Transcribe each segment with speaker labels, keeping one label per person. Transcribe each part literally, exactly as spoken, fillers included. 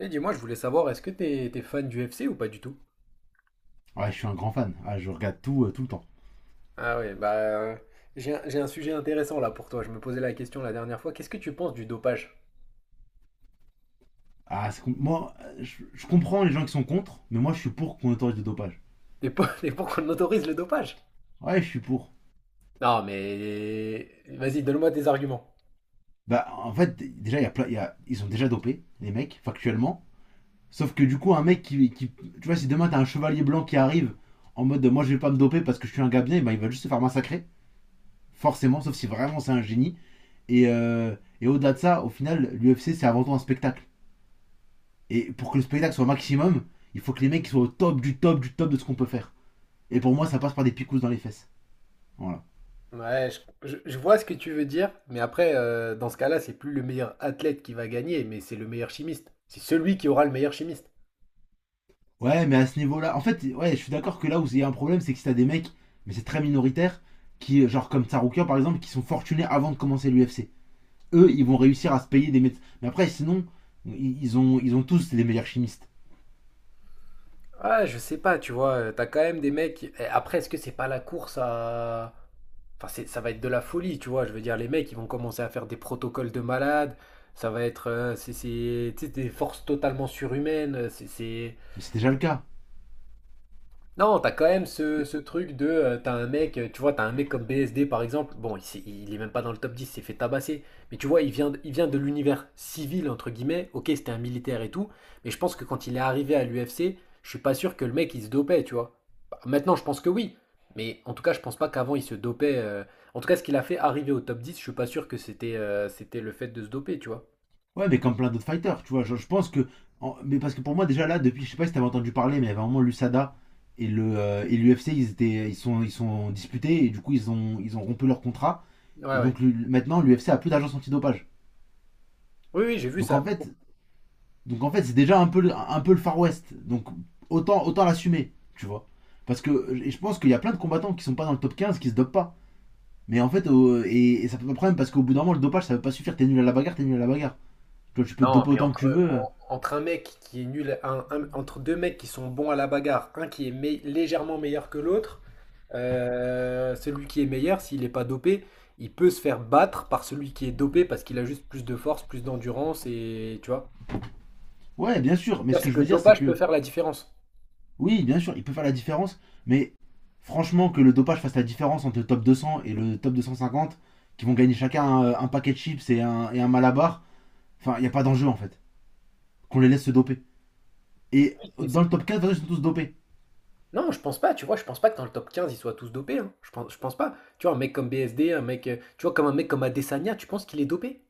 Speaker 1: Et dis-moi, je voulais savoir, est-ce que t'es t'es fan du F C ou pas du tout?
Speaker 2: Ouais, je suis un grand fan. Ah, je regarde tout, euh, tout le temps.
Speaker 1: Ah oui, bah euh, j'ai un, j'ai un sujet intéressant là pour toi. Je me posais la question la dernière fois. Qu'est-ce que tu penses du dopage?
Speaker 2: Ah, c'est com- moi, euh, je, je comprends les gens qui sont contre, mais moi, je suis pour qu'on autorise le dopage.
Speaker 1: T'es pour, t'es pour qu'on autorise le dopage?
Speaker 2: Ouais, je suis pour.
Speaker 1: Non, mais vas-y, donne-moi tes arguments.
Speaker 2: Bah, en fait, d- déjà, il y a plein- il y a, ils sont déjà dopés, les mecs, factuellement. Sauf que du coup, un mec qui, qui- Tu vois, si demain, t'as un chevalier blanc qui arrive en mode de, moi, je vais pas me doper parce que je suis un gars bien, eh ben, il va juste se faire massacrer. Forcément, sauf si vraiment c'est un génie. Et, euh, et au-delà de ça, au final, l'U F C, c'est avant tout un spectacle. Et pour que le spectacle soit au maximum, il faut que les mecs soient au top du top du top de ce qu'on peut faire. Et pour moi, ça passe par des picousses dans les fesses. Voilà.
Speaker 1: Ouais, je, je- je vois ce que tu veux dire, mais après, euh, dans ce cas-là, c'est plus le meilleur athlète qui va gagner, mais c'est le meilleur chimiste. C'est celui qui aura le meilleur chimiste.
Speaker 2: Ouais, mais à ce niveau-là, en fait, ouais, je suis d'accord que là où il y a un problème, c'est que si t'as des mecs, mais c'est très minoritaire, qui, genre comme Tsaroukian par exemple, qui sont fortunés avant de commencer l'U F C. Eux, ils vont réussir à se payer des médecins. Mais après, sinon, ils ont, ils ont tous les meilleurs chimistes.
Speaker 1: Ah, je sais pas, tu vois, euh, t'as quand même des mecs. eh, Après, est-ce que c'est pas la course à. Enfin, c'est- ça va être de la folie, tu vois. Je veux dire, les mecs, ils vont commencer à faire des protocoles de malades. Ça va être euh, c'est c'est- tu sais, des forces totalement surhumaines. C'est c'est-
Speaker 2: Mais c'est déjà le cas.
Speaker 1: non, t'as quand même ce, ce truc de, euh, t'as un mec, euh, tu vois, t'as un mec comme B S D par exemple, bon, il, s'est- il est même pas dans le top dix, il s'est fait tabasser, mais tu vois, il vient, de- il vient de l'univers civil, entre guillemets, ok, c'était un militaire et tout, mais je pense que quand il est arrivé à l'U F C, je suis pas sûr que le mec, il se dopait, tu vois. Bah, maintenant, je pense que oui, mais en tout cas, je pense pas qu'avant, il se dopait. euh, En tout cas, ce qu'il a fait arriver au top dix, je suis pas sûr que c'était euh, c'était le fait de se doper, tu vois.
Speaker 2: Ouais, mais comme plein d'autres fighters, tu vois. Je, je pense que. En- Mais parce que pour moi, déjà là, depuis, je sais pas si t'avais entendu parler, mais il y avait un moment l'U S A D A et le euh, et l'U F C, ils étaient, ils sont, ils sont disputés et du coup, ils ont, ils ont rompu leur contrat.
Speaker 1: Ouais,
Speaker 2: Et
Speaker 1: ouais.
Speaker 2: donc le- maintenant, l'U F C a plus d'agence antidopage.
Speaker 1: Oui, oui, j'ai vu
Speaker 2: Donc
Speaker 1: ça.
Speaker 2: en fait, donc en fait, c'est déjà un peu, un peu le Far West. Donc autant, autant l'assumer, tu vois. Parce que et je pense qu'il y a plein de combattants qui sont pas dans le top quinze qui se dopent pas. Mais en fait, au- et, et ça peut pas problème parce qu'au bout d'un moment, le dopage ça veut pas suffire. T'es nul à la bagarre, t'es nul à la bagarre. Tu vois, tu peux te
Speaker 1: Non,
Speaker 2: doper
Speaker 1: mais
Speaker 2: autant que tu
Speaker 1: entre,
Speaker 2: veux.
Speaker 1: en- entre un mec qui est nul, un- un- entre deux mecs qui sont bons à la bagarre, un qui est mei- légèrement meilleur que l'autre, euh, celui qui est meilleur, s'il n'est pas dopé, il peut se faire battre par celui qui est dopé parce qu'il a juste plus de force, plus d'endurance et tu vois.
Speaker 2: Ouais, bien sûr. Mais
Speaker 1: C'est-à-dire,
Speaker 2: ce
Speaker 1: c'est
Speaker 2: que
Speaker 1: que
Speaker 2: je
Speaker 1: le
Speaker 2: veux dire, c'est
Speaker 1: dopage peut
Speaker 2: que
Speaker 1: faire la différence.
Speaker 2: oui, bien sûr, il peut faire la différence. Mais franchement, que le dopage fasse la différence entre le top deux cents et le top deux cent cinquante, qui vont gagner chacun un, un paquet de chips et un, et un malabar, enfin, il n'y a pas d'enjeu en fait. Qu'on les laisse se doper. Et
Speaker 1: Mais
Speaker 2: dans le top quatre, de toute façon, ils sont tous dopés.
Speaker 1: non, je pense pas, tu vois, je pense pas que dans le top quinze ils soient tous dopés, hein. Je pense, je pense pas. Tu vois, un mec comme B S D, un mec, euh, tu vois, comme un mec comme Adesanya, tu penses qu'il est dopé?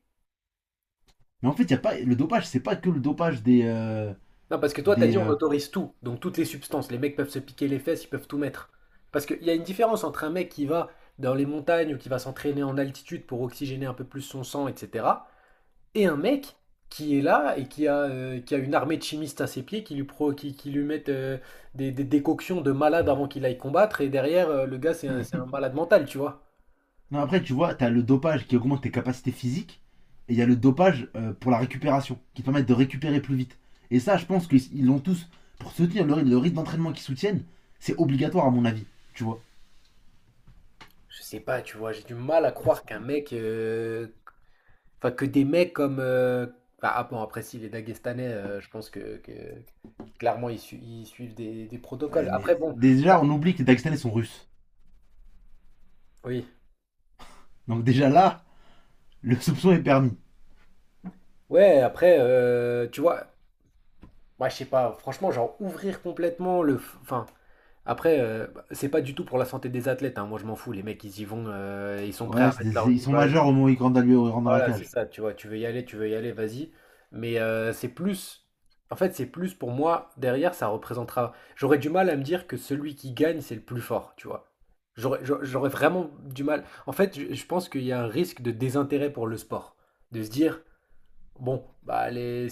Speaker 2: Mais en fait, y a pas, le dopage, c'est pas que le dopage des. Euh,
Speaker 1: Non, parce que toi, t'as
Speaker 2: des
Speaker 1: dit on
Speaker 2: euh,
Speaker 1: autorise tout, donc toutes les substances, les mecs peuvent se piquer les fesses, ils peuvent tout mettre. Parce qu'il y a une différence entre un mec qui va dans les montagnes ou qui va s'entraîner en altitude pour oxygéner un peu plus son sang, et cetera, et un mec qui est là et qui a, euh, qui a une armée de chimistes à ses pieds qui lui, pro, qui, qui lui mettent euh, des, des décoctions de malade avant qu'il aille combattre, et derrière, euh, le gars, c'est un, c'est un malade mental, tu vois.
Speaker 2: non, après, tu vois, t'as le dopage qui augmente tes capacités physiques, et il y a le dopage euh, pour la récupération, qui te permet de récupérer plus vite. Et ça, je pense qu'ils l'ont tous. Pour soutenir le, rythme- le rythme d'entraînement qu'ils soutiennent, c'est obligatoire, à mon avis. Tu vois.
Speaker 1: Je sais pas, tu vois, j'ai du mal à croire qu'un mec, euh, enfin que des mecs comme, euh, bah, ah bon après si les Daguestanais, euh, je pense que, que- clairement ils, su- ils suivent des, des protocoles.
Speaker 2: Ouais,
Speaker 1: Après
Speaker 2: mais
Speaker 1: bon, là-
Speaker 2: déjà, on oublie que les Dagestanais sont russes.
Speaker 1: oui,
Speaker 2: Donc, déjà là, le soupçon est permis.
Speaker 1: ouais, après euh, tu vois, moi je sais pas, franchement genre ouvrir complètement le, f- enfin après euh, bah, c'est pas du tout pour la santé des athlètes, hein, moi je m'en fous, les mecs ils y vont, euh, ils sont prêts
Speaker 2: Ouais,
Speaker 1: à mettre
Speaker 2: c'est c'est-
Speaker 1: leur
Speaker 2: ils
Speaker 1: vie,
Speaker 2: sont
Speaker 1: voilà.
Speaker 2: majeurs au moment où ils rentrent dans la- ils rentrent dans la
Speaker 1: Voilà, c'est
Speaker 2: cage.
Speaker 1: ça, tu vois, tu veux y aller, tu veux y aller, vas-y. Mais euh, c'est plus, en fait, c'est plus pour moi, derrière, ça représentera. J'aurais du mal à me dire que celui qui gagne, c'est le plus fort, tu vois. J'aurais, j'a- j'aurais vraiment du mal. En fait, je, je pense qu'il y a un risque de désintérêt pour le sport. De se dire, bon, bah les...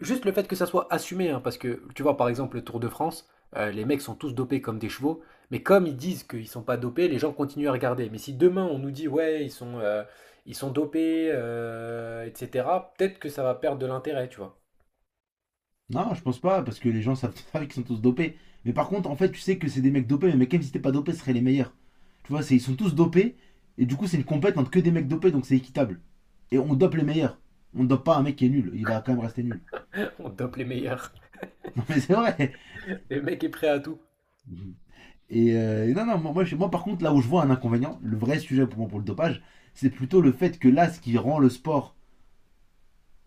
Speaker 1: juste le fait que ça soit assumé, hein, parce que tu vois, par exemple, le Tour de France, euh, les mecs sont tous dopés comme des chevaux, mais comme ils disent qu'ils sont pas dopés, les gens continuent à regarder. Mais si demain on nous dit, ouais, ils sont, euh, ils sont dopés, euh, et cetera, peut-être que ça va perdre de l'intérêt, tu vois.
Speaker 2: Non, je pense pas, parce que les gens savent qu'ils sont tous dopés. Mais par contre, en fait, tu sais que c'est des mecs dopés, mais même si t'es pas dopé, ce seraient les meilleurs. Tu vois, c'est, ils sont tous dopés, et du coup, c'est une compète entre que des mecs dopés, donc c'est équitable. Et on dope les meilleurs. On dope pas un mec qui est nul, il va quand même rester nul.
Speaker 1: On dope les meilleurs.
Speaker 2: Non, mais c'est vrai.
Speaker 1: Les mecs est prêt à tout.
Speaker 2: Et euh, et non, non, moi, moi, je- Moi, par contre, là où je vois un inconvénient, le vrai sujet pour moi pour le dopage, c'est plutôt le fait que là, ce qui rend le sport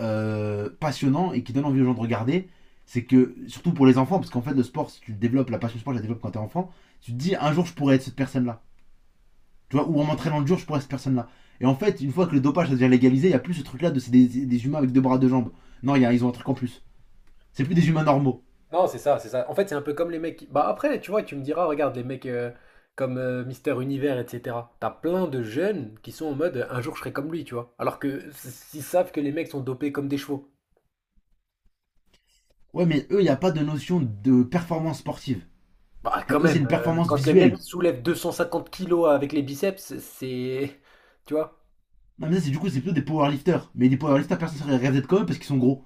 Speaker 2: euh, passionnant et qui donne envie aux gens de regarder, c'est que, surtout pour les enfants, parce qu'en fait, le sport, si tu développes la passion sport, je la développe quand t'es enfant, tu te dis un jour je pourrais être cette personne-là. Tu vois, ou en m'entraînant le jour, je pourrais être cette personne-là. Et en fait, une fois que le dopage ça devient légalisé, il n'y a plus ce truc-là de c'est des, des humains avec deux bras, deux jambes. Non, il y a, ils ont un truc en plus. C'est plus des humains normaux.
Speaker 1: Non, c'est ça, c'est ça. En fait, c'est un peu comme les mecs. qui- Bah après, tu vois, tu me diras, regarde, les mecs euh, comme euh, Mister Univers, et cetera. T'as plein de jeunes qui sont en mode, euh, un jour je serai comme lui, tu vois. Alors que s'ils savent que les mecs sont dopés comme des chevaux.
Speaker 2: Ouais, mais eux, il n'y a pas de notion de performance sportive.
Speaker 1: Bah
Speaker 2: Tu
Speaker 1: quand
Speaker 2: vois, eux, c'est
Speaker 1: même,
Speaker 2: une
Speaker 1: euh,
Speaker 2: performance
Speaker 1: quand les mecs
Speaker 2: visuelle.
Speaker 1: soulèvent deux cent cinquante kilos avec les biceps, c'est, tu vois.
Speaker 2: Non, mais ça, c'est du coup, c'est plutôt des powerlifters. Mais des powerlifters, personne ne serait rêvé d'être comme eux parce qu'ils sont gros.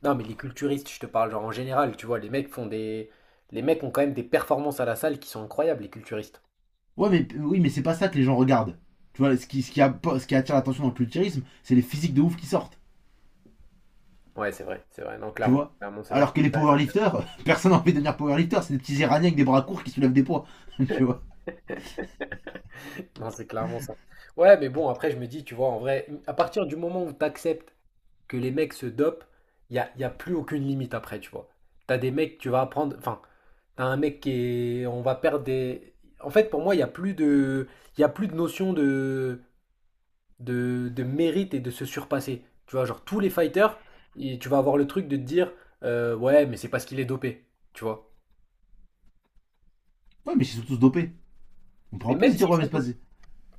Speaker 1: Non, mais les culturistes, je te parle genre en général, tu vois, les mecs font des, les mecs ont quand même des performances à la salle qui sont incroyables, les culturistes.
Speaker 2: Ouais, mais oui, mais c'est pas ça que les gens regardent. Tu vois, ce qui, ce qui, a- ce qui attire l'attention dans le culturisme, c'est les physiques de ouf qui sortent.
Speaker 1: Ouais, c'est vrai, c'est vrai. Non,
Speaker 2: Tu
Speaker 1: clairement,
Speaker 2: vois.
Speaker 1: clairement, c'est vrai que
Speaker 2: Alors que les powerlifters, personne n'a envie de devenir powerlifter, c'est des petits iraniens avec des bras courts qui soulèvent des poids. Tu vois.
Speaker 1: non, c'est clairement ça. Ouais, mais bon, après, je me dis, tu vois, en vrai, à partir du moment où tu acceptes que les mecs se dopent, il n'y a, y a plus aucune limite après, tu vois. T'as des mecs, tu vas apprendre. Enfin, t'as un mec qui est. On va perdre des. En fait, pour moi, il n'y a plus de. Il y a plus de notion de, de, de mérite et de se surpasser. Tu vois, genre, tous les fighters, et tu vas avoir le truc de te dire, euh, ouais, mais c'est parce qu'il est dopé, tu vois.
Speaker 2: Ouais, mais ils sont tous dopés. On
Speaker 1: Mais
Speaker 2: pourra plus
Speaker 1: même
Speaker 2: se dire,
Speaker 1: s'ils
Speaker 2: ouais, mais
Speaker 1: sont
Speaker 2: c'est passé.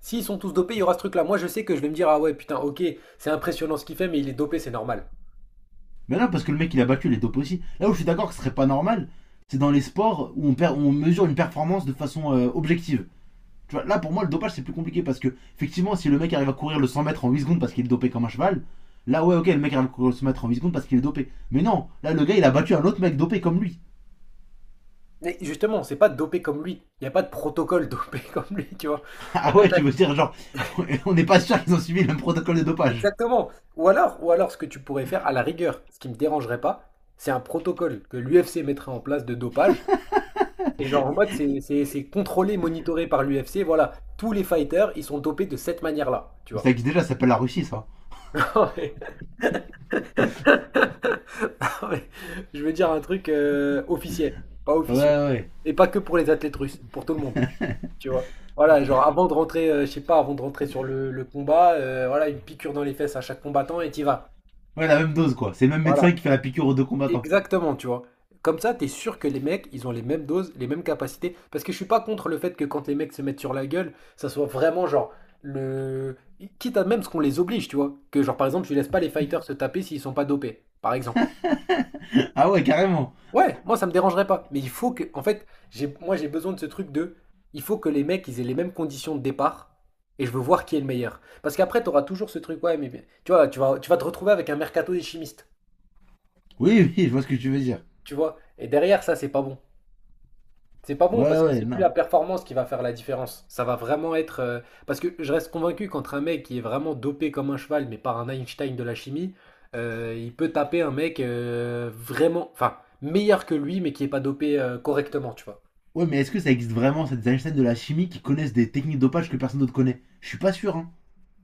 Speaker 1: S'ils sont tous dopés, il y aura ce truc-là. Moi, je sais que je vais me dire, ah ouais, putain, ok, c'est impressionnant ce qu'il fait, mais il est dopé, c'est normal.
Speaker 2: Mais non, parce que le mec il a battu, il est dopé aussi. Là où je suis d'accord que ce serait pas normal, c'est dans les sports où on, perd, où on mesure une performance de façon euh, objective. Tu vois, là pour moi le dopage c'est plus compliqué parce que effectivement si le mec arrive à courir le cent mètres en huit secondes parce qu'il est dopé comme un cheval, là ouais ok le mec arrive à courir le cent mètres en huit secondes parce qu'il est dopé. Mais non, là le gars il a battu un autre mec dopé comme lui.
Speaker 1: Mais justement, c'est pas dopé comme lui. Il n'y a pas de protocole dopé comme lui, tu vois. En
Speaker 2: Ah
Speaker 1: fait,
Speaker 2: ouais
Speaker 1: là-
Speaker 2: tu veux dire genre on n'est pas sûr qu'ils ont suivi le même protocole de dopage.
Speaker 1: exactement. Ou alors, ou alors, ce que tu pourrais faire, à la rigueur, ce qui me dérangerait pas, c'est un protocole que l'U F C mettrait en place de dopage. Et genre, en mode, c'est c'est- c'est contrôlé, monitoré par l'U F C. Voilà, tous les fighters, ils sont dopés de cette manière-là, tu
Speaker 2: Mais
Speaker 1: vois.
Speaker 2: ça existe déjà, ça s'appelle la Russie ça.
Speaker 1: Non, mais je veux dire un truc euh, officiel, pas
Speaker 2: Ouais
Speaker 1: officieux.
Speaker 2: ouais.
Speaker 1: Et pas que pour les athlètes russes, pour tout le monde, tu vois. Voilà, genre avant de rentrer, euh, je sais pas, avant de rentrer sur le, le combat, euh, voilà, une piqûre dans les fesses à chaque combattant et t'y vas.
Speaker 2: Ouais la même dose quoi, c'est le même médecin
Speaker 1: Voilà,
Speaker 2: qui fait la piqûre aux deux combattants.
Speaker 1: exactement, tu vois. Comme ça, t'es sûr que les mecs, ils ont les mêmes doses, les mêmes capacités. Parce que je suis pas contre le fait que quand les mecs se mettent sur la gueule, ça soit vraiment genre le. Quitte à même ce qu'on les oblige, tu vois. Que genre par exemple, tu laisses pas les fighters se taper s'ils sont pas dopés, par exemple.
Speaker 2: Ah ouais carrément.
Speaker 1: Ouais, moi ça me dérangerait pas. Mais il faut que, en fait, j'ai, moi j'ai besoin de ce truc de, il faut que les mecs ils aient les mêmes conditions de départ et je veux voir qui est le meilleur. Parce qu'après t'auras toujours ce truc, ouais, mais mais- tu vois, tu vas, tu vas te retrouver avec un mercato des chimistes,
Speaker 2: Oui oui je vois ce que tu veux dire.
Speaker 1: tu vois. Et derrière ça c'est pas bon. C'est pas bon
Speaker 2: Ouais
Speaker 1: parce que
Speaker 2: ouais
Speaker 1: c'est plus
Speaker 2: non.
Speaker 1: la performance qui va faire la différence. Ça va vraiment être, euh, parce que je reste convaincu qu'entre un mec qui est vraiment dopé comme un cheval, mais par un Einstein de la chimie, euh, il peut taper un mec euh, vraiment, enfin meilleur que lui, mais qui est pas dopé euh, correctement, tu vois.
Speaker 2: Ouais mais est-ce que ça existe vraiment cette Einstein de la chimie qui connaissent des techniques de dopage que personne d'autre connaît? Je suis pas sûr hein.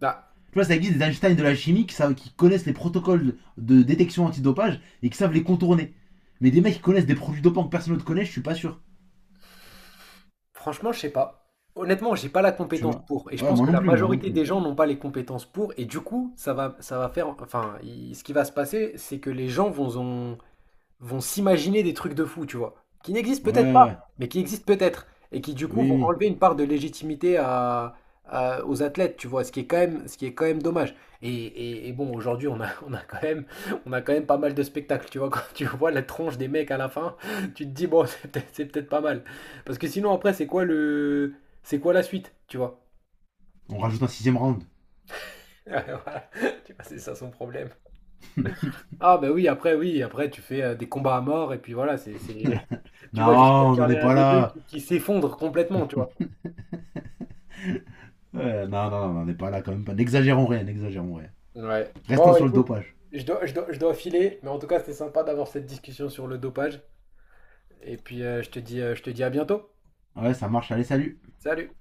Speaker 1: Bah,
Speaker 2: Tu vois, ça existe des Einstein de la chimie qui, savent- qui connaissent les protocoles de détection antidopage et qui savent les contourner. Mais des mecs qui connaissent des produits dopants que personne ne connaît, je suis pas sûr.
Speaker 1: franchement, je sais pas. Honnêtement, j'ai pas la
Speaker 2: Tu
Speaker 1: compétence
Speaker 2: vois.
Speaker 1: pour. Et je
Speaker 2: Ouais,
Speaker 1: pense
Speaker 2: moi
Speaker 1: que
Speaker 2: non
Speaker 1: la
Speaker 2: plus, moi non
Speaker 1: majorité
Speaker 2: plus.
Speaker 1: des gens n'ont pas les compétences pour. Et du coup, ça va, ça va faire. Enfin, il- ce qui va se passer, c'est que les gens vont, vont s'imaginer des trucs de fou, tu vois, qui n'existent
Speaker 2: Ouais, ouais,
Speaker 1: peut-être
Speaker 2: ouais.
Speaker 1: pas, mais qui existent peut-être, et qui du coup
Speaker 2: Oui,
Speaker 1: vont
Speaker 2: oui.
Speaker 1: enlever une part de légitimité à, à- aux athlètes, tu vois, ce qui est quand même, ce qui est quand même dommage. Et, et- et bon, aujourd'hui, on a, on a quand même, on a quand même pas mal de spectacles, tu vois, quand tu vois la tronche des mecs à la fin, tu te dis, bon, c'est peut-être, c'est peut-être pas mal. Parce que sinon, après, c'est quoi le, c'est quoi la suite, tu vois?
Speaker 2: On rajoute un sixième round.
Speaker 1: Voilà. Tu vois, c'est ça son problème. Ah bah oui, après oui, après tu fais euh, des combats à mort et puis voilà, c'est c'est- tu
Speaker 2: Non,
Speaker 1: vas jusqu'à ce
Speaker 2: on
Speaker 1: qu'il y
Speaker 2: n'en
Speaker 1: en
Speaker 2: est
Speaker 1: ait un
Speaker 2: pas
Speaker 1: des deux
Speaker 2: là.
Speaker 1: qui, qui s'effondre complètement, tu vois.
Speaker 2: Ouais, non, non, on n'en est pas là quand même pas. N'exagérons rien, n'exagérons rien.
Speaker 1: Ouais.
Speaker 2: Restons
Speaker 1: Bon,
Speaker 2: sur le
Speaker 1: écoute,
Speaker 2: dopage.
Speaker 1: je dois, je dois, je dois filer, mais en tout cas, c'était sympa d'avoir cette discussion sur le dopage. Et puis, euh, je te dis, euh, je te dis à bientôt.
Speaker 2: Ouais, ça marche, allez, salut.
Speaker 1: Salut!